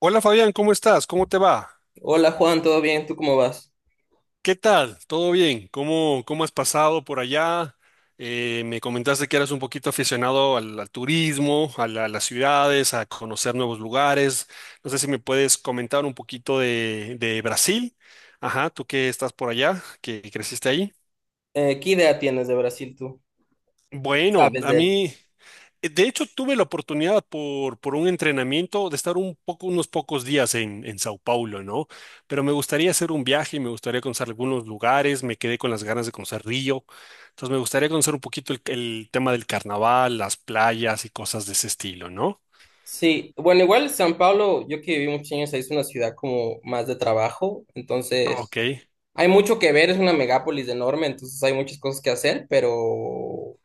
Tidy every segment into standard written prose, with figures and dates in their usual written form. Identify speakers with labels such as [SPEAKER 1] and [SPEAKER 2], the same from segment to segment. [SPEAKER 1] Hola Fabián, ¿cómo estás? ¿Cómo te va?
[SPEAKER 2] Hola Juan, ¿todo bien? ¿Tú cómo vas?
[SPEAKER 1] ¿Qué tal? ¿Todo bien? ¿Cómo has pasado por allá? Me comentaste que eras un poquito aficionado al turismo, a las ciudades, a conocer nuevos lugares. No sé si me puedes comentar un poquito de Brasil. Ajá, tú que estás por allá, que creciste ahí.
[SPEAKER 2] ¿qué idea tienes de Brasil tú?
[SPEAKER 1] Bueno,
[SPEAKER 2] ¿Sabes
[SPEAKER 1] a
[SPEAKER 2] de él?
[SPEAKER 1] mí. De hecho, tuve la oportunidad por un entrenamiento de estar un poco, unos pocos días en Sao Paulo, ¿no? Pero me gustaría hacer un viaje, me gustaría conocer algunos lugares, me quedé con las ganas de conocer Río, entonces me gustaría conocer un poquito el tema del carnaval, las playas y cosas de ese estilo, ¿no?
[SPEAKER 2] Sí, bueno, igual San Pablo, yo que viví muchos años ahí, es una ciudad como más de trabajo,
[SPEAKER 1] Ok,
[SPEAKER 2] entonces hay mucho que ver, es una megápolis enorme, entonces hay muchas cosas que hacer, pero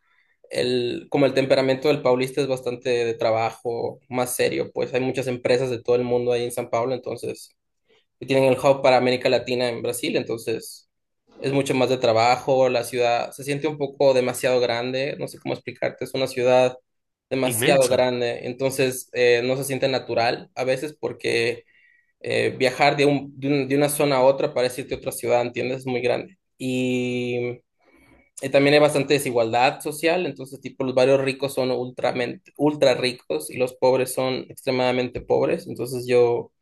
[SPEAKER 2] el, como el temperamento del paulista es bastante de trabajo, más serio, pues hay muchas empresas de todo el mundo ahí en San Pablo, entonces y tienen el hub para América Latina en Brasil, entonces es mucho más de trabajo, la ciudad se siente un poco demasiado grande, no sé cómo explicarte, es una ciudad demasiado
[SPEAKER 1] inmensa.
[SPEAKER 2] grande, entonces no se siente natural a veces porque viajar de una zona a otra para irte a otra ciudad, ¿entiendes? Es muy grande. Y también hay bastante desigualdad social, entonces tipo los barrios ricos son ultramente, ultra ricos y los pobres son extremadamente pobres, entonces yo...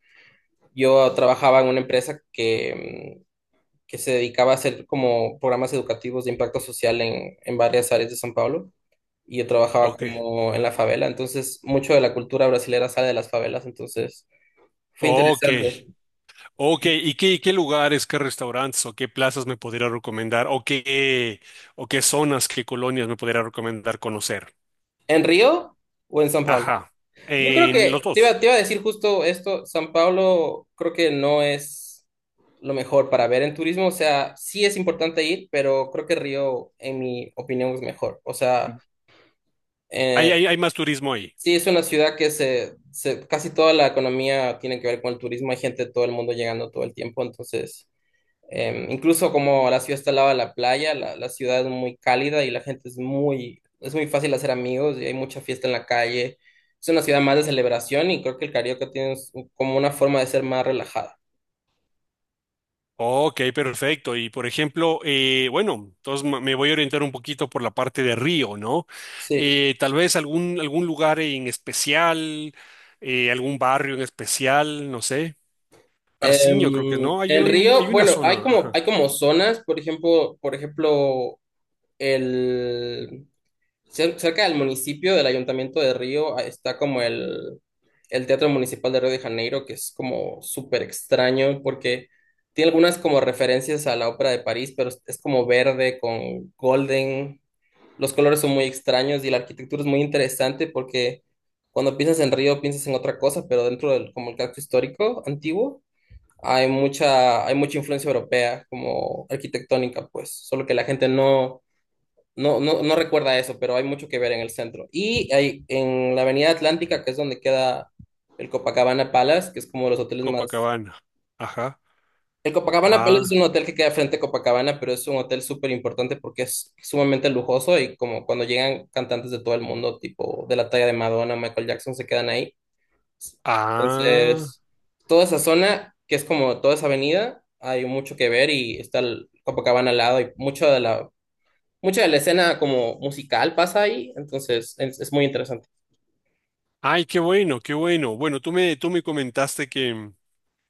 [SPEAKER 2] Yo trabajaba en una empresa que, que se dedicaba a hacer como programas educativos de impacto social en varias áreas de San Pablo y yo trabajaba
[SPEAKER 1] Ok,
[SPEAKER 2] como en la favela, entonces mucho de la cultura brasilera sale de las favelas, entonces fue
[SPEAKER 1] ok,
[SPEAKER 2] interesante.
[SPEAKER 1] ok. ¿Y qué lugares, qué restaurantes o qué plazas me podría recomendar o qué zonas, qué colonias me podría recomendar conocer?
[SPEAKER 2] ¿En Río o en San Pablo?
[SPEAKER 1] Ajá.
[SPEAKER 2] Yo creo
[SPEAKER 1] En
[SPEAKER 2] que
[SPEAKER 1] los dos.
[SPEAKER 2] te iba a decir justo esto, San Pablo creo que no es lo mejor para ver en turismo, o sea, sí es importante ir, pero creo que Río, en mi opinión, es mejor, o sea...
[SPEAKER 1] Hay,
[SPEAKER 2] eh,
[SPEAKER 1] hay, hay más turismo ahí.
[SPEAKER 2] Sí, es una ciudad que casi toda la economía tiene que ver con el turismo. Hay gente de todo el mundo llegando todo el tiempo. Entonces, incluso como la ciudad está al lado de la playa, la ciudad es muy cálida y la gente es muy fácil hacer amigos y hay mucha fiesta en la calle. Es una ciudad más de celebración y creo que el Carioca tiene como una forma de ser más relajada.
[SPEAKER 1] Ok, perfecto. Y por ejemplo, bueno, entonces me voy a orientar un poquito por la parte de Río, ¿no?
[SPEAKER 2] Sí.
[SPEAKER 1] Tal vez algún lugar en especial, algún barrio en especial, no sé. Parciño, creo que no. Hay,
[SPEAKER 2] En
[SPEAKER 1] hay
[SPEAKER 2] Río,
[SPEAKER 1] una
[SPEAKER 2] bueno,
[SPEAKER 1] zona,
[SPEAKER 2] hay
[SPEAKER 1] ajá.
[SPEAKER 2] como zonas, por ejemplo, el Cerca del municipio, del Ayuntamiento de Río, ah, está como el Teatro Municipal de Río de Janeiro, que es como súper extraño porque tiene algunas como referencias a la Ópera de París, pero es como verde con golden. Los colores son muy extraños y la arquitectura es muy interesante porque cuando piensas en Río piensas en otra cosa, pero dentro del como el casco histórico antiguo hay mucha influencia europea como arquitectónica, pues, solo que la gente no no recuerda eso, pero hay mucho que ver en el centro. Y hay, en la Avenida Atlántica, que es donde queda el Copacabana Palace, que es como de los hoteles más...
[SPEAKER 1] Copacabana. Ajá.
[SPEAKER 2] El Copacabana Palace
[SPEAKER 1] Ah,
[SPEAKER 2] es un hotel que queda frente a Copacabana, pero es un hotel súper importante porque es sumamente lujoso y como cuando llegan cantantes de todo el mundo, tipo de la talla de Madonna, Michael Jackson, se quedan ahí.
[SPEAKER 1] ah.
[SPEAKER 2] Entonces, toda esa zona, que es como toda esa avenida, hay mucho que ver y está el Copacabana al lado y mucho de la mucha de la escena como musical pasa ahí, entonces es muy interesante.
[SPEAKER 1] Ay, qué bueno, qué bueno. Bueno, tú me comentaste que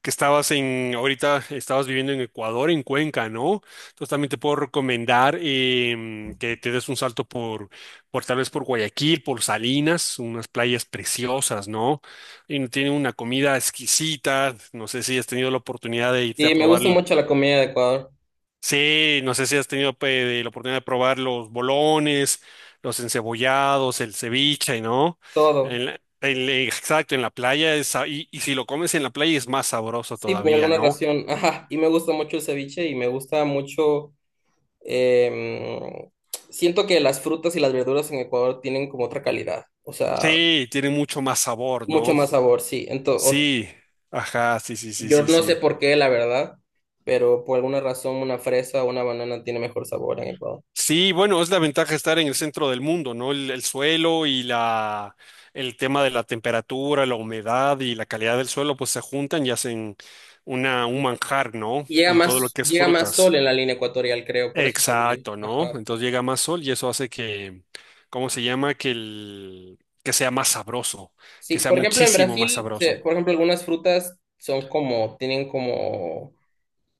[SPEAKER 1] estabas en, ahorita estabas viviendo en Ecuador, en Cuenca, ¿no? Entonces también te puedo recomendar que te des un salto por tal vez por Guayaquil, por Salinas, unas playas preciosas, ¿no? Y tienen una comida exquisita, no sé si has tenido la oportunidad de irte a
[SPEAKER 2] Y me
[SPEAKER 1] probar,
[SPEAKER 2] gusta
[SPEAKER 1] el-
[SPEAKER 2] mucho la comida de Ecuador,
[SPEAKER 1] sí, no sé si has de la oportunidad de probar los bolones, los encebollados, el ceviche, ¿no?
[SPEAKER 2] todo.
[SPEAKER 1] Exacto, en la playa es, y si lo comes en la playa es más sabroso
[SPEAKER 2] Sí, por
[SPEAKER 1] todavía,
[SPEAKER 2] alguna
[SPEAKER 1] ¿no?
[SPEAKER 2] razón. Ajá, y me gusta mucho el ceviche y me gusta mucho... em, siento que las frutas y las verduras en Ecuador tienen como otra calidad, o sea,
[SPEAKER 1] Sí, tiene mucho más sabor,
[SPEAKER 2] mucho
[SPEAKER 1] ¿no?
[SPEAKER 2] más sabor, sí. Entonces,
[SPEAKER 1] Sí, ajá, sí, sí, sí,
[SPEAKER 2] yo
[SPEAKER 1] sí,
[SPEAKER 2] no sé
[SPEAKER 1] sí.
[SPEAKER 2] por qué, la verdad, pero por alguna razón una fresa o una banana tiene mejor sabor en Ecuador.
[SPEAKER 1] Sí, bueno, es la ventaja de estar en el centro del mundo, ¿no? El suelo y la, el tema de la temperatura, la humedad y la calidad del suelo, pues se juntan y hacen una, un manjar, ¿no? En todo lo que es
[SPEAKER 2] Llega más sol
[SPEAKER 1] frutas.
[SPEAKER 2] en la línea ecuatorial, creo, por eso también.
[SPEAKER 1] Exacto, ¿no?
[SPEAKER 2] Ajá.
[SPEAKER 1] Entonces llega más sol y eso hace que, ¿cómo se llama? Que el, que sea más sabroso, que
[SPEAKER 2] Sí,
[SPEAKER 1] sea
[SPEAKER 2] por ejemplo, en
[SPEAKER 1] muchísimo más
[SPEAKER 2] Brasil,
[SPEAKER 1] sabroso.
[SPEAKER 2] por ejemplo, algunas frutas son como, tienen como,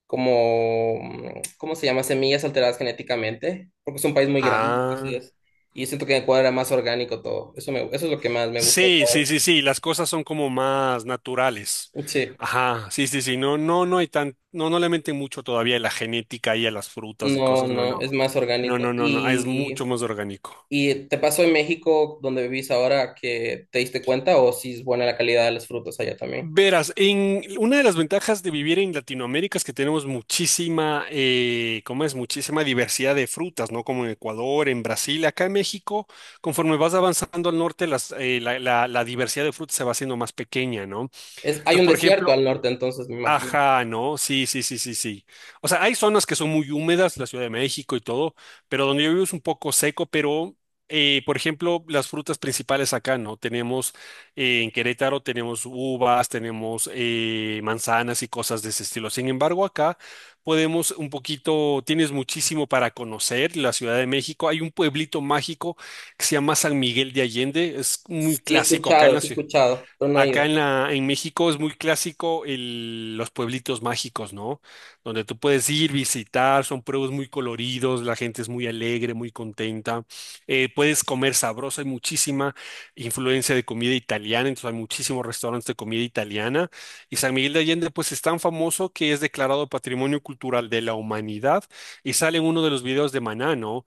[SPEAKER 2] como, ¿cómo se llama? Semillas alteradas genéticamente, porque es un país muy grande, así
[SPEAKER 1] Ah.
[SPEAKER 2] es. Y siento que en Ecuador era más orgánico todo. Eso es lo que más me gusta de
[SPEAKER 1] Sí, sí,
[SPEAKER 2] Ecuador.
[SPEAKER 1] sí, sí, las cosas son como más naturales.
[SPEAKER 2] Sí,
[SPEAKER 1] Ajá, sí, sí, sí, no, hay tan, no, no le meten mucho todavía a la genética y a las frutas y
[SPEAKER 2] no,
[SPEAKER 1] cosas, no,
[SPEAKER 2] no,
[SPEAKER 1] no,
[SPEAKER 2] es más
[SPEAKER 1] no,
[SPEAKER 2] orgánico.
[SPEAKER 1] no, no, no, es mucho más orgánico.
[SPEAKER 2] Y te pasó en México, donde vivís ahora, que te diste cuenta o si es buena la calidad de las frutas allá también?
[SPEAKER 1] Verás, en una de las ventajas de vivir en Latinoamérica es que tenemos muchísima, ¿cómo es? Muchísima diversidad de frutas, ¿no? Como en Ecuador, en Brasil, acá en México, conforme vas avanzando al norte, las, la diversidad de frutas se va haciendo más pequeña, ¿no?
[SPEAKER 2] Es, hay
[SPEAKER 1] Entonces,
[SPEAKER 2] un
[SPEAKER 1] por
[SPEAKER 2] desierto
[SPEAKER 1] ejemplo,
[SPEAKER 2] al norte, entonces me imagino.
[SPEAKER 1] ajá, ¿no? Sí, sí, sí, sí, sí. O sea, hay zonas que son muy húmedas, la Ciudad de México y todo, pero donde yo vivo es un poco seco, pero, por ejemplo, las frutas principales acá, ¿no? Tenemos, en Querétaro tenemos uvas, tenemos manzanas y cosas de ese estilo. Sin embargo, acá podemos un poquito, tienes muchísimo para conocer la Ciudad de México. Hay un pueblito mágico que se llama San Miguel de Allende, es muy clásico acá en la
[SPEAKER 2] Sí he
[SPEAKER 1] ciudad.
[SPEAKER 2] escuchado, pero no he
[SPEAKER 1] Acá
[SPEAKER 2] ido.
[SPEAKER 1] en la, en México es muy clásico los pueblitos mágicos, ¿no? Donde tú puedes ir, visitar, son pueblos muy coloridos, la gente es muy alegre, muy contenta. Puedes comer sabroso, hay muchísima influencia de comida italiana, entonces hay muchísimos restaurantes de comida italiana. Y San Miguel de Allende, pues es tan famoso que es declarado Patrimonio Cultural de la Humanidad y sale en uno de los videos de Maná, ¿no?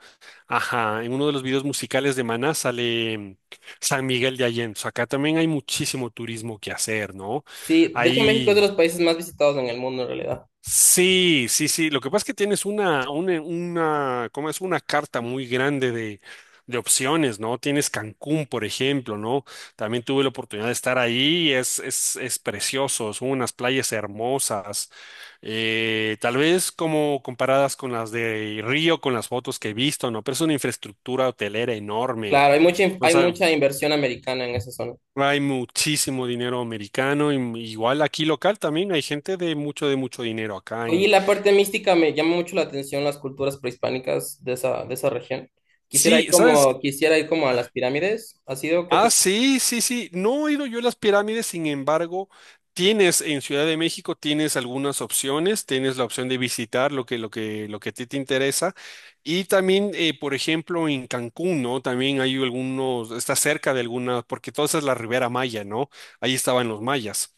[SPEAKER 1] Ajá, en uno de los videos musicales de Maná sale. San Miguel de Allende. Acá también hay muchísimo turismo que hacer, ¿no?
[SPEAKER 2] Sí, de hecho México es de los
[SPEAKER 1] Hay...
[SPEAKER 2] países más visitados en el mundo en realidad.
[SPEAKER 1] Sí, sí, sí. Lo que pasa es que tienes una, ¿cómo es? Una carta muy grande de opciones, ¿no? Tienes Cancún, por ejemplo, ¿no? También tuve la oportunidad de estar ahí. Es precioso. Son unas playas hermosas. Tal vez como comparadas con las de Río, con las fotos que he visto, ¿no? Pero es una infraestructura hotelera enorme.
[SPEAKER 2] Claro,
[SPEAKER 1] No,
[SPEAKER 2] hay
[SPEAKER 1] sa-
[SPEAKER 2] mucha inversión americana en esa zona.
[SPEAKER 1] hay muchísimo dinero americano, y m- igual aquí local también hay gente de mucho dinero acá
[SPEAKER 2] Oye, y
[SPEAKER 1] en...
[SPEAKER 2] la parte mística me llama mucho la atención las culturas prehispánicas de esa región.
[SPEAKER 1] Sí, ¿sabes?
[SPEAKER 2] Quisiera ir como a las pirámides. ¿Has ido? ¿Qué
[SPEAKER 1] Ah,
[SPEAKER 2] opinas?
[SPEAKER 1] sí, sí, sí. No he ido yo a las pirámides, sin embargo, tienes en Ciudad de México, tienes algunas opciones, tienes la opción de visitar lo que, lo que a ti te interesa. Y también, por ejemplo, en Cancún, ¿no? También hay algunos, está cerca de algunas, porque toda esa es la Ribera Maya, ¿no? Ahí estaban los mayas.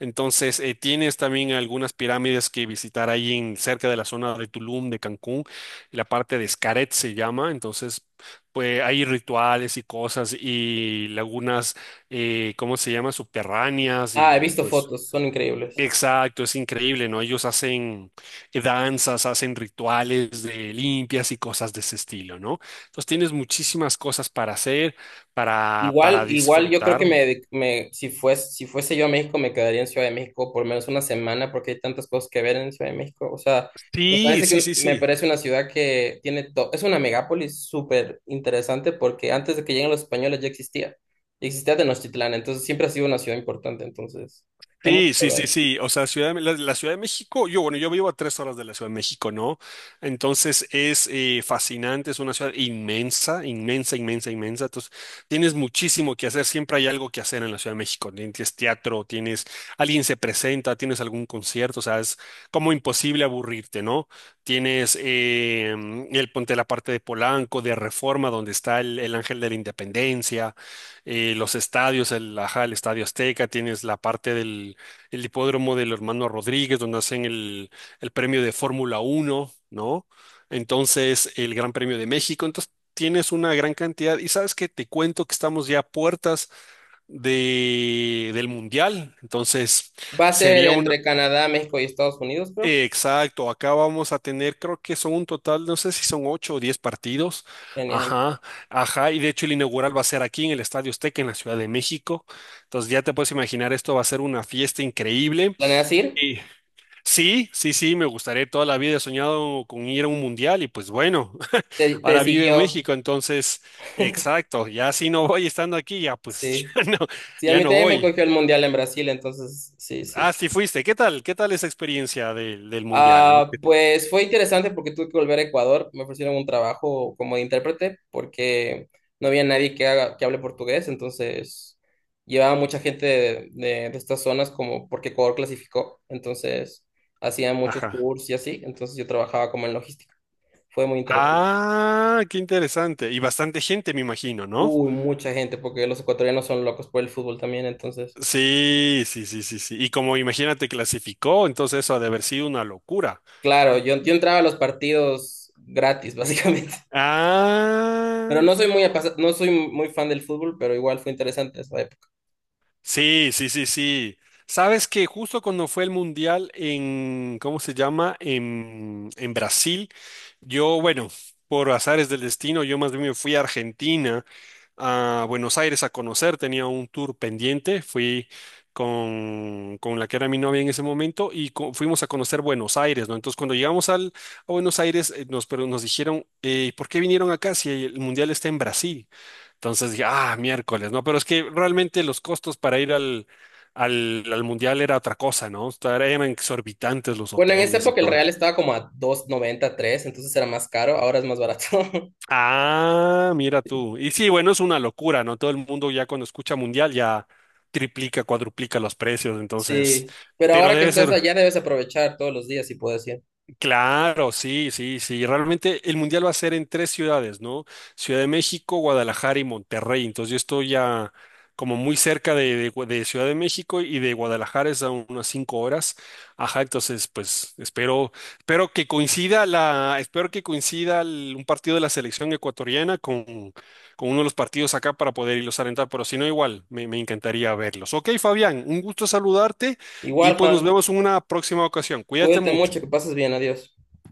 [SPEAKER 1] Entonces, tienes también algunas pirámides que visitar ahí en, cerca de la zona de Tulum, de Cancún, la parte de Xcaret se llama, entonces pues hay rituales y cosas y lagunas, ¿cómo se llama? Subterráneas
[SPEAKER 2] Ah, he
[SPEAKER 1] y
[SPEAKER 2] visto
[SPEAKER 1] pues...
[SPEAKER 2] fotos, son increíbles.
[SPEAKER 1] Exacto, es increíble, ¿no? Ellos hacen danzas, hacen rituales de limpias y cosas de ese estilo, ¿no? Entonces tienes muchísimas cosas para hacer,
[SPEAKER 2] Igual,
[SPEAKER 1] para
[SPEAKER 2] igual yo creo que
[SPEAKER 1] disfrutar.
[SPEAKER 2] me si fuese, si fuese yo a México, me quedaría en Ciudad de México por lo menos una semana porque hay tantas cosas que ver en Ciudad de México. O sea,
[SPEAKER 1] Sí, sí, sí,
[SPEAKER 2] me
[SPEAKER 1] sí.
[SPEAKER 2] parece una ciudad que tiene todo, es una megápolis súper interesante porque antes de que lleguen los españoles ya existía. Ya Existía Tenochtitlán, entonces siempre ha sido una ciudad importante, entonces hay mucho
[SPEAKER 1] Sí,
[SPEAKER 2] que
[SPEAKER 1] sí, sí,
[SPEAKER 2] ver.
[SPEAKER 1] sí. O sea, la Ciudad de México, yo, bueno, yo vivo a 3 horas de la Ciudad de México, ¿no? Entonces es fascinante, es una ciudad inmensa, inmensa. Entonces tienes muchísimo que hacer, siempre hay algo que hacer en la Ciudad de México, ¿no? Tienes teatro, tienes, alguien se presenta, tienes algún concierto, o sea, es como imposible aburrirte, ¿no? Tienes el ponte la parte de Polanco, de Reforma, donde está el Ángel de la Independencia, los estadios, el, ajá, el Estadio Azteca, tienes la parte del el hipódromo del hermano Rodríguez, donde hacen el premio de Fórmula Uno, ¿no? Entonces, el Gran Premio de México. Entonces, tienes una gran cantidad. Y sabes que te cuento que estamos ya a puertas de, del Mundial. Entonces,
[SPEAKER 2] Va a ser
[SPEAKER 1] sería una...
[SPEAKER 2] entre Canadá, México y Estados Unidos, creo.
[SPEAKER 1] exacto, acá vamos a tener, creo que son un total, no sé si son ocho o diez partidos.
[SPEAKER 2] Genial.
[SPEAKER 1] Ajá, ajá, y de hecho el inaugural va a ser aquí en el Estadio Azteca, en la Ciudad de México. Entonces ya te puedes imaginar, esto va a ser una fiesta increíble.
[SPEAKER 2] ¿Planeas ir?
[SPEAKER 1] Sí. Sí, sí, sí, me gustaría toda la vida. He soñado con ir a un mundial y pues bueno,
[SPEAKER 2] Te, te
[SPEAKER 1] ahora vive en
[SPEAKER 2] siguió,
[SPEAKER 1] México, entonces, exacto, ya si no voy estando aquí, ya pues
[SPEAKER 2] sí.
[SPEAKER 1] ya no,
[SPEAKER 2] Sí, a
[SPEAKER 1] ya
[SPEAKER 2] mí
[SPEAKER 1] no
[SPEAKER 2] también me
[SPEAKER 1] voy.
[SPEAKER 2] cogió el mundial en Brasil, entonces sí,
[SPEAKER 1] Ah,
[SPEAKER 2] sí.
[SPEAKER 1] sí fuiste. ¿Qué tal? ¿Qué tal esa experiencia del mundial, no?
[SPEAKER 2] Ah, pues fue interesante porque tuve que volver a Ecuador. Me ofrecieron un trabajo como de intérprete porque no había nadie que hable portugués. Entonces llevaba mucha gente de estas zonas como porque Ecuador clasificó. Entonces hacían muchos
[SPEAKER 1] Ajá.
[SPEAKER 2] tours y así. Entonces yo trabajaba como en logística. Fue muy interesante.
[SPEAKER 1] Ah, qué interesante. Y bastante gente, me imagino, ¿no?
[SPEAKER 2] Uy, mucha gente porque los ecuatorianos son locos por el fútbol también. Entonces,
[SPEAKER 1] Sí, sí, sí, sí, sí. Y como imagínate clasificó, entonces eso ha de haber sido una locura.
[SPEAKER 2] claro, yo entraba a los partidos gratis, básicamente. Pero
[SPEAKER 1] Ah.
[SPEAKER 2] no soy no soy muy fan del fútbol, pero igual fue interesante esa
[SPEAKER 1] Sí, sí, sí, sí. Sabes que justo cuando fue el mundial en, ¿cómo se llama? En Brasil, yo, bueno, por azares del destino, yo más bien me fui a Argentina, a Buenos Aires a conocer, tenía un tour pendiente, fui con la que era mi novia en ese momento y co- fuimos a conocer Buenos Aires, ¿no? Entonces cuando llegamos al, a Buenos Aires, nos, pero nos dijeron, ¿por qué vinieron acá si el mundial está en Brasil? Entonces dije, ah, miércoles, ¿no? Pero es que realmente los costos para ir al, al mundial era otra cosa, ¿no? O sea, eran exorbitantes los
[SPEAKER 2] Bueno, en esa
[SPEAKER 1] hoteles y
[SPEAKER 2] época el
[SPEAKER 1] todo.
[SPEAKER 2] real estaba como a 2,93, entonces era más caro, ahora es más barato.
[SPEAKER 1] Ah, mira tú. Y sí, bueno, es una locura, ¿no? Todo el mundo ya cuando escucha mundial ya triplica, cuadruplica los precios, entonces,
[SPEAKER 2] Sí, pero
[SPEAKER 1] pero
[SPEAKER 2] ahora que
[SPEAKER 1] debe
[SPEAKER 2] estás
[SPEAKER 1] ser,
[SPEAKER 2] allá debes aprovechar todos los días si puedes ir.
[SPEAKER 1] claro, sí, sí, sí. Realmente el mundial va a ser en tres ciudades, ¿no? Ciudad de México, Guadalajara y Monterrey. Entonces yo estoy ya como muy cerca de de Ciudad de México y de Guadalajara es a unas 5 horas. Ajá, entonces pues espero, espero que coincida la, espero que coincida el- un partido de la selección ecuatoriana con uno de los partidos acá para poder irlos a alentar, pero si no igual, me encantaría verlos. Ok, Fabián, un gusto saludarte y
[SPEAKER 2] Igual,
[SPEAKER 1] pues nos
[SPEAKER 2] Juan,
[SPEAKER 1] vemos en una próxima ocasión. Cuídate
[SPEAKER 2] cuídate
[SPEAKER 1] mucho.
[SPEAKER 2] mucho, que pases bien, adiós.